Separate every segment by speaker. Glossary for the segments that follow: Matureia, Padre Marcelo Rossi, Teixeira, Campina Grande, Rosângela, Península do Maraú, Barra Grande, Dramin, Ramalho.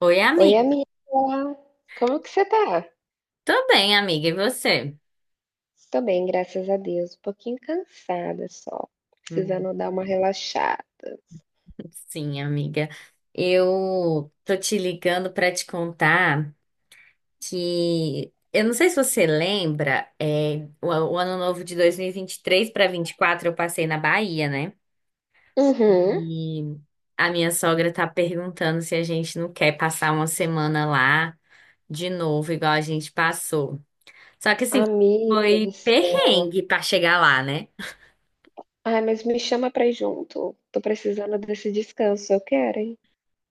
Speaker 1: Oi,
Speaker 2: Oi,
Speaker 1: amiga.
Speaker 2: amiga. Como que você tá?
Speaker 1: Tô bem, amiga. E você?
Speaker 2: Tô bem, graças a Deus. Um pouquinho cansada só.
Speaker 1: Hum.
Speaker 2: Precisando dar uma relaxada.
Speaker 1: Sim, amiga. Eu tô te ligando pra te contar que eu não sei se você lembra, o ano novo de dois mil e vinte e três para 24 eu passei na Bahia, né?
Speaker 2: Uhum.
Speaker 1: E a minha sogra tá perguntando se a gente não quer passar uma semana lá de novo, igual a gente passou. Só que assim,
Speaker 2: Amiga do
Speaker 1: foi
Speaker 2: céu.
Speaker 1: perrengue pra chegar lá, né?
Speaker 2: Ai, mas me chama pra ir junto. Tô precisando desse descanso. Eu quero, hein?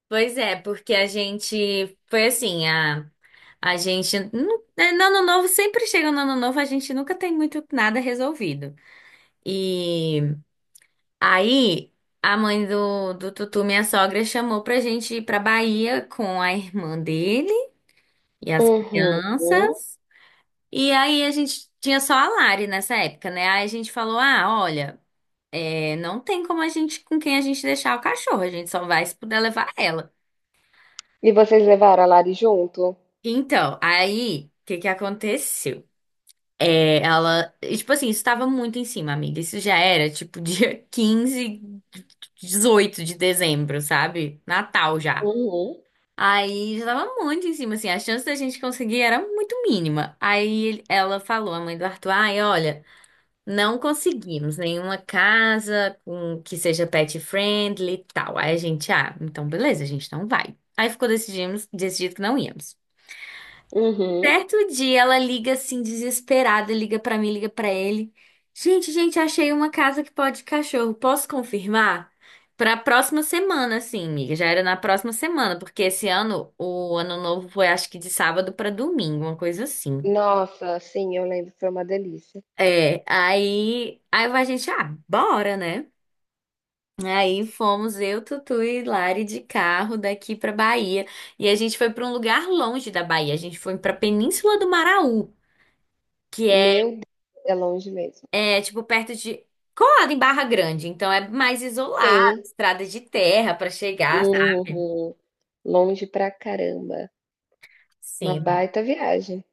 Speaker 1: Pois é, porque a gente foi assim, a gente. Não é, no ano novo, sempre chega no ano novo, a gente nunca tem muito nada resolvido. E aí, a mãe do Tutu, minha sogra, chamou pra gente ir pra Bahia com a irmã dele e as
Speaker 2: Uhum.
Speaker 1: crianças. E aí, a gente tinha só a Lari nessa época, né? Aí a gente falou: ah, olha, é, não tem como a gente, com quem a gente deixar o cachorro, a gente só vai se puder levar ela.
Speaker 2: E vocês levaram a Lari junto?
Speaker 1: Então, aí, o que que aconteceu? É, ela, e, tipo assim, isso tava muito em cima, amiga. Isso já era, tipo, dia quinze, 18 de dezembro, sabe? Natal já.
Speaker 2: Uhum.
Speaker 1: Aí já tava muito em cima, assim, a chance da gente conseguir era muito mínima. Aí ela falou, a mãe do Arthur, ai, olha, não conseguimos nenhuma casa com que seja pet friendly e tal. Aí a gente, ah, então beleza, a gente não vai. Aí ficou decidido que não íamos.
Speaker 2: Uhum.
Speaker 1: Certo dia ela liga assim, desesperada, liga pra mim, liga pra ele. Gente, gente, achei uma casa que pode cachorro. Posso confirmar? Pra próxima semana, assim, amiga. Já era na próxima semana, porque esse ano, o ano novo foi acho que de sábado pra domingo, uma coisa assim.
Speaker 2: Nossa, sim, eu lembro. Foi uma delícia.
Speaker 1: É, aí a gente, ah, bora, né? Aí fomos eu, Tutu e Lari de carro daqui pra Bahia. E a gente foi pra um lugar longe da Bahia. A gente foi pra Península do Maraú, que é
Speaker 2: Meu Deus, é longe mesmo.
Speaker 1: é, tipo, perto de. Colado em Barra Grande. Então é mais isolado,
Speaker 2: Sim.
Speaker 1: estrada de terra pra chegar, sabe?
Speaker 2: Uhum. Longe pra caramba. Uma
Speaker 1: Sim,
Speaker 2: baita viagem.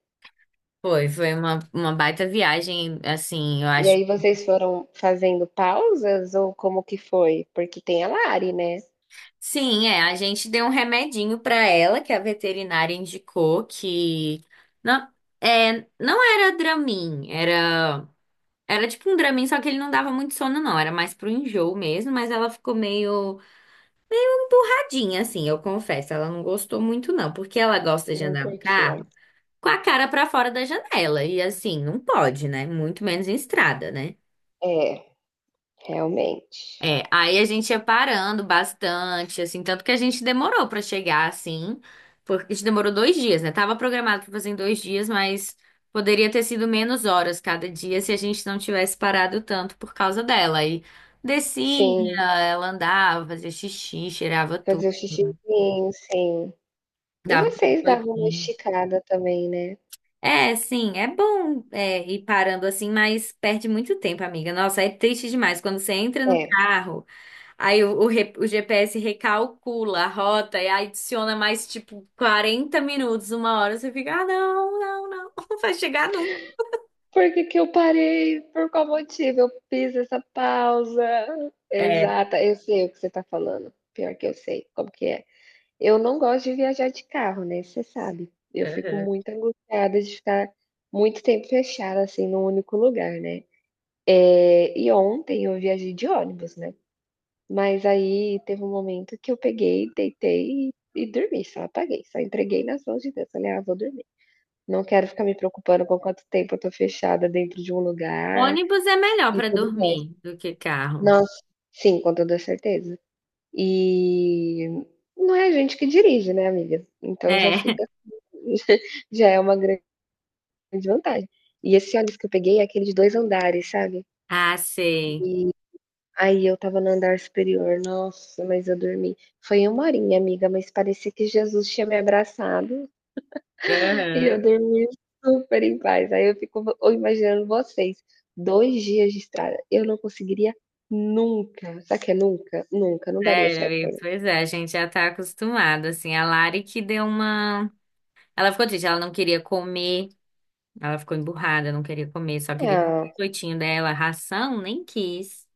Speaker 1: foi. Foi uma baita viagem, assim, eu
Speaker 2: E
Speaker 1: acho.
Speaker 2: aí vocês foram fazendo pausas ou como que foi? Porque tem a Lari, né?
Speaker 1: Sim, é. A gente deu um remedinho pra ela, que a veterinária indicou que. Não, é, não era Dramin, era. Era tipo um Dramin, só que ele não dava muito sono, não. Era mais pro enjoo mesmo, mas ela ficou meio tadinha, assim, eu confesso. Ela não gostou muito, não, porque ela gosta de
Speaker 2: Não
Speaker 1: andar no
Speaker 2: curtiam.
Speaker 1: carro com a cara pra fora da janela. E assim, não pode, né? Muito menos em estrada, né?
Speaker 2: É, realmente.
Speaker 1: É, aí a gente ia parando bastante, assim, tanto que a gente demorou pra chegar, assim, porque a gente demorou dois dias, né? Tava programado pra fazer em dois dias, mas poderia ter sido menos horas cada dia se a gente não tivesse parado tanto por causa dela. Aí descia,
Speaker 2: Sim,
Speaker 1: ela andava, fazia xixi, cheirava tudo,
Speaker 2: fazer o xixizinho, sim. E
Speaker 1: dava
Speaker 2: vocês davam uma
Speaker 1: biscoitinho.
Speaker 2: esticada também, né?
Speaker 1: É, sim, é bom, é, ir parando assim, mas perde muito tempo, amiga. Nossa, é triste demais quando você entra no
Speaker 2: É.
Speaker 1: carro, aí o GPS recalcula a rota e aí adiciona mais tipo 40 minutos, uma hora, você fica, ah, não, não vai chegar nunca.
Speaker 2: Por que que eu parei? Por qual motivo eu fiz essa pausa?
Speaker 1: É,
Speaker 2: Exata, eu sei o que você tá falando. Pior que eu sei como que é. Eu não gosto de viajar de carro, né, você sabe. Eu fico
Speaker 1: uhum.
Speaker 2: muito angustiada de ficar muito tempo fechada, assim, num único lugar, né. E ontem eu viajei de ônibus, né, mas aí teve um momento que eu peguei, deitei e dormi, só apaguei, só entreguei nas mãos de Deus, falei: "Ah, vou dormir. Não quero ficar me preocupando com quanto tempo eu tô fechada dentro de um lugar
Speaker 1: Ônibus é melhor
Speaker 2: e
Speaker 1: para
Speaker 2: tudo mais".
Speaker 1: dormir do que carro.
Speaker 2: Nossa, sim, com toda certeza. E não é a gente que dirige, né, amiga, então já
Speaker 1: É,
Speaker 2: fica, já é uma grande vantagem. E esse ônibus que eu peguei é aquele de 2 andares, sabe?
Speaker 1: ah, sei.
Speaker 2: Aí eu tava no andar superior, nossa, mas eu dormi. Foi uma horinha, amiga, mas parecia que Jesus tinha me abraçado e
Speaker 1: Uhum.
Speaker 2: eu dormi super em paz. Aí eu fico imaginando vocês, 2 dias de estrada, eu não conseguiria nunca. Sabe o que é nunca? Nunca, não daria
Speaker 1: É,
Speaker 2: certo pra
Speaker 1: amiga,
Speaker 2: mim.
Speaker 1: pois é, a gente já tá acostumado, assim, a Lari que deu uma... Ela ficou triste, ela não queria comer. Ela ficou emburrada, não queria comer, só queria o
Speaker 2: Ah,
Speaker 1: biscoitinho dela. Ração, nem quis.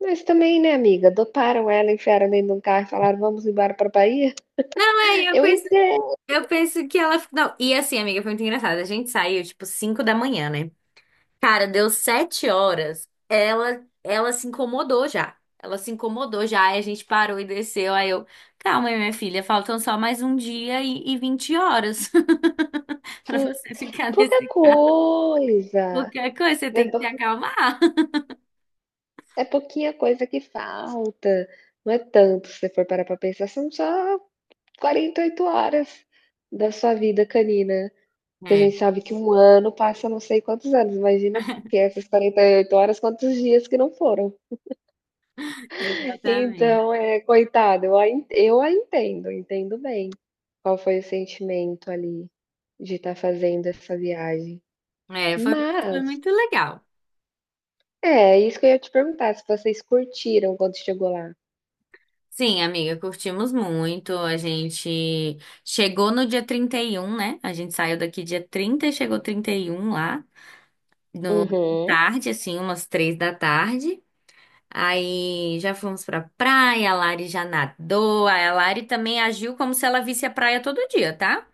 Speaker 2: mas também, né, amiga? Doparam ela, enfiaram dentro de um carro e falaram, vamos embora pra Bahia?
Speaker 1: Não, é,
Speaker 2: Eu entendo.
Speaker 1: eu penso que ela. Não, e assim, amiga, foi muito engraçado. A gente saiu, tipo, 5 da manhã, né? Cara, deu 7 horas. Ela se incomodou já. Ela se incomodou já. Aí a gente parou e desceu. Aí eu, calma aí, minha filha, faltam só mais um dia e 20 horas pra você ficar
Speaker 2: Pouca
Speaker 1: nesse carro.
Speaker 2: coisa,
Speaker 1: Qualquer coisa, você
Speaker 2: é
Speaker 1: tem que
Speaker 2: pou
Speaker 1: se acalmar.
Speaker 2: é pouquinha coisa que falta, não é tanto se você for parar pra pensar, são só 48 horas da sua vida canina, que a
Speaker 1: É,
Speaker 2: gente sabe que um ano passa não sei quantos anos, imagina que essas 48 horas quantos dias que não foram.
Speaker 1: exatamente.
Speaker 2: Então, é coitado, eu a entendo, entendo bem qual foi o sentimento ali de estar fazendo essa viagem,
Speaker 1: É, foi
Speaker 2: mas
Speaker 1: muito legal.
Speaker 2: é isso que eu ia te perguntar, se vocês curtiram quando chegou lá.
Speaker 1: Sim, amiga, curtimos muito. A gente chegou no dia 31, né? A gente saiu daqui dia 30 e chegou 31 lá, no de
Speaker 2: Uhum.
Speaker 1: tarde, assim, umas três da tarde. Aí já fomos pra praia, a Lari já nadou. Aí a Lari também agiu como se ela visse a praia todo dia, tá?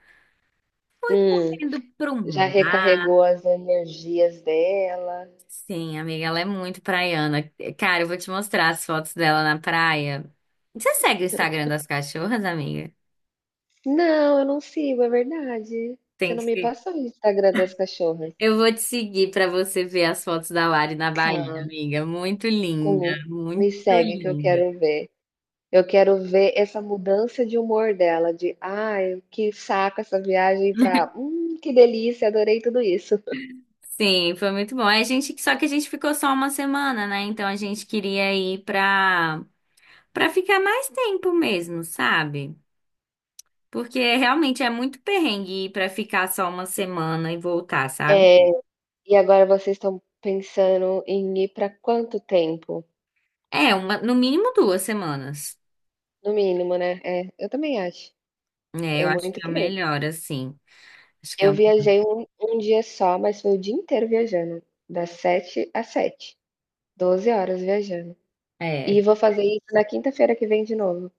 Speaker 2: Hum.
Speaker 1: Indo pro
Speaker 2: Já recarregou
Speaker 1: mar.
Speaker 2: as energias dela?
Speaker 1: Sim, amiga, ela é muito praiana. Cara, eu vou te mostrar as fotos dela na praia. Você segue o Instagram das cachorras, amiga?
Speaker 2: Não, eu não sigo, é verdade. Você
Speaker 1: Tem
Speaker 2: não me
Speaker 1: que.
Speaker 2: passou o Instagram das cachorras.
Speaker 1: Eu vou te seguir para você ver as fotos da Lari na Bahia,
Speaker 2: Tá,
Speaker 1: amiga. Muito linda,
Speaker 2: com, me
Speaker 1: muito
Speaker 2: segue que eu
Speaker 1: linda.
Speaker 2: quero ver. Eu quero ver essa mudança de humor dela, de "Ai, que saco essa viagem", pra que delícia, adorei tudo isso".
Speaker 1: Sim, foi muito bom. É, a gente, só que a gente ficou só uma semana, né? Então a gente queria ir para ficar mais tempo mesmo, sabe? Porque realmente é muito perrengue ir para ficar só uma semana e voltar,
Speaker 2: É,
Speaker 1: sabe?
Speaker 2: e agora vocês estão pensando em ir pra quanto tempo?
Speaker 1: É, uma, no mínimo duas semanas.
Speaker 2: No mínimo, né. É, eu também acho.
Speaker 1: É,
Speaker 2: É
Speaker 1: eu acho
Speaker 2: muito
Speaker 1: que é o
Speaker 2: que nem
Speaker 1: melhor, assim. Acho que é,
Speaker 2: eu
Speaker 1: o-
Speaker 2: viajei um dia só, mas foi o dia inteiro viajando, das 7 às 7, 12 horas viajando. E
Speaker 1: é,
Speaker 2: vou fazer isso na quinta-feira que vem de novo.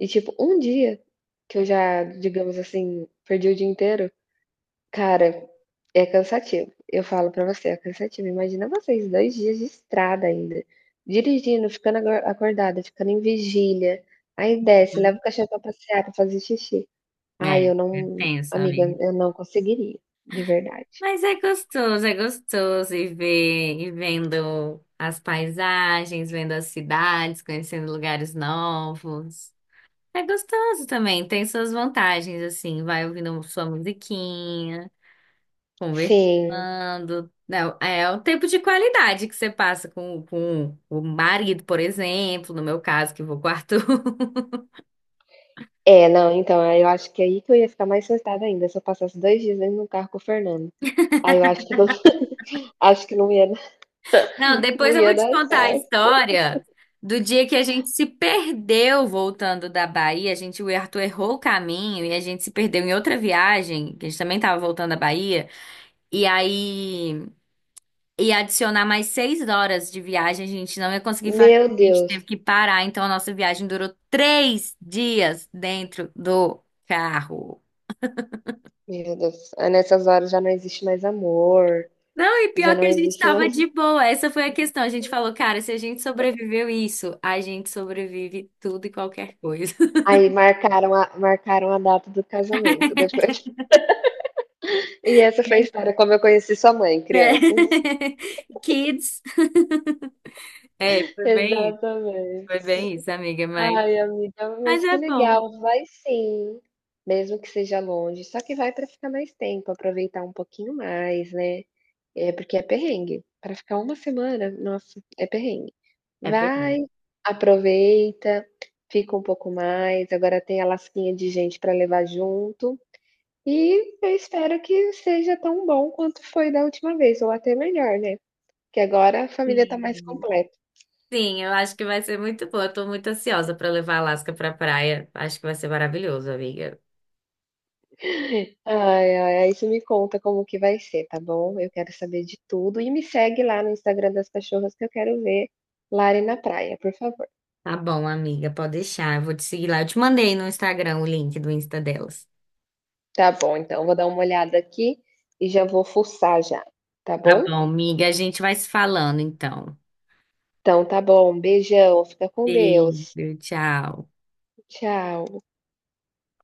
Speaker 2: E, tipo, um dia que eu já, digamos assim, perdi o dia inteiro, cara, é cansativo. Eu falo pra você, é cansativo. Imagina vocês 2 dias de estrada ainda, dirigindo, ficando ago acordada, ficando em vigília, aí desce, leva
Speaker 1: uhum.
Speaker 2: o cachorro pra passear, pra fazer xixi. Ai,
Speaker 1: É
Speaker 2: eu não,
Speaker 1: tenso,
Speaker 2: amiga,
Speaker 1: amiga.
Speaker 2: eu não conseguiria, de verdade.
Speaker 1: Mas é gostoso e ver, e vendo as paisagens, vendo as cidades, conhecendo lugares novos. É gostoso também, tem suas vantagens, assim, vai ouvindo sua musiquinha,
Speaker 2: Sim.
Speaker 1: conversando. Não, é o tempo de qualidade que você passa com o marido, por exemplo, no meu caso, que vou com o Arthur.
Speaker 2: É, não, então, aí eu acho que é aí que eu ia ficar mais surtada ainda, se eu passasse 2 dias dentro de um carro com o Fernando. Aí eu acho que não, acho que não ia dar,
Speaker 1: Não,
Speaker 2: não
Speaker 1: depois eu
Speaker 2: ia
Speaker 1: vou te
Speaker 2: dar
Speaker 1: contar a
Speaker 2: certo.
Speaker 1: história do dia que a gente se perdeu voltando da Bahia. A gente, o Arthur errou o caminho e a gente se perdeu em outra viagem, que a gente também estava voltando da Bahia. E aí ia adicionar mais seis horas de viagem, a gente não ia conseguir fazer.
Speaker 2: Meu
Speaker 1: A gente teve
Speaker 2: Deus,
Speaker 1: que parar, então a nossa viagem durou três dias dentro do carro.
Speaker 2: meu Deus. Aí nessas horas já não existe mais amor,
Speaker 1: Não, e
Speaker 2: já
Speaker 1: pior que
Speaker 2: não
Speaker 1: a gente
Speaker 2: existe
Speaker 1: tava
Speaker 2: mais,
Speaker 1: de boa. Essa foi a questão. A gente falou, cara, se a gente sobreviveu isso, a gente sobrevive tudo e qualquer coisa.
Speaker 2: aí marcaram a data do casamento depois. E essa foi a
Speaker 1: Né?
Speaker 2: história como eu conheci sua mãe, crianças.
Speaker 1: Kids. É,
Speaker 2: Exatamente.
Speaker 1: foi bem isso, amiga,
Speaker 2: Ai, amiga,
Speaker 1: mas
Speaker 2: mas
Speaker 1: é
Speaker 2: que
Speaker 1: bom.
Speaker 2: legal. Vai, sim, mesmo que seja longe, só que vai para ficar mais tempo, aproveitar um pouquinho mais, né. É, porque é perrengue, para ficar uma semana, nossa, é perrengue.
Speaker 1: É perrengue.
Speaker 2: Vai, aproveita, fica um pouco mais, agora tem a lasquinha de gente para levar junto, e eu espero que seja tão bom quanto foi da última vez, ou até melhor, né, que agora a família tá mais
Speaker 1: Sim,
Speaker 2: completa.
Speaker 1: Sim, eu acho que vai ser muito bom. Eu tô muito ansiosa pra levar a Alaska pra praia. Acho que vai ser maravilhoso, amiga.
Speaker 2: Ai, ai, aí você me conta como que vai ser, tá bom? Eu quero saber de tudo e me segue lá no Instagram das cachorras que eu quero ver Lari na praia, por favor.
Speaker 1: Tá bom, amiga, pode deixar. Eu vou te seguir lá. Eu te mandei no Instagram o link do Insta delas.
Speaker 2: Tá bom, então vou dar uma olhada aqui e já vou fuçar já, tá
Speaker 1: Tá
Speaker 2: bom?
Speaker 1: bom, amiga, a gente vai se falando então.
Speaker 2: Então tá bom, beijão, fica com
Speaker 1: Beijo,
Speaker 2: Deus.
Speaker 1: tchau.
Speaker 2: Tchau.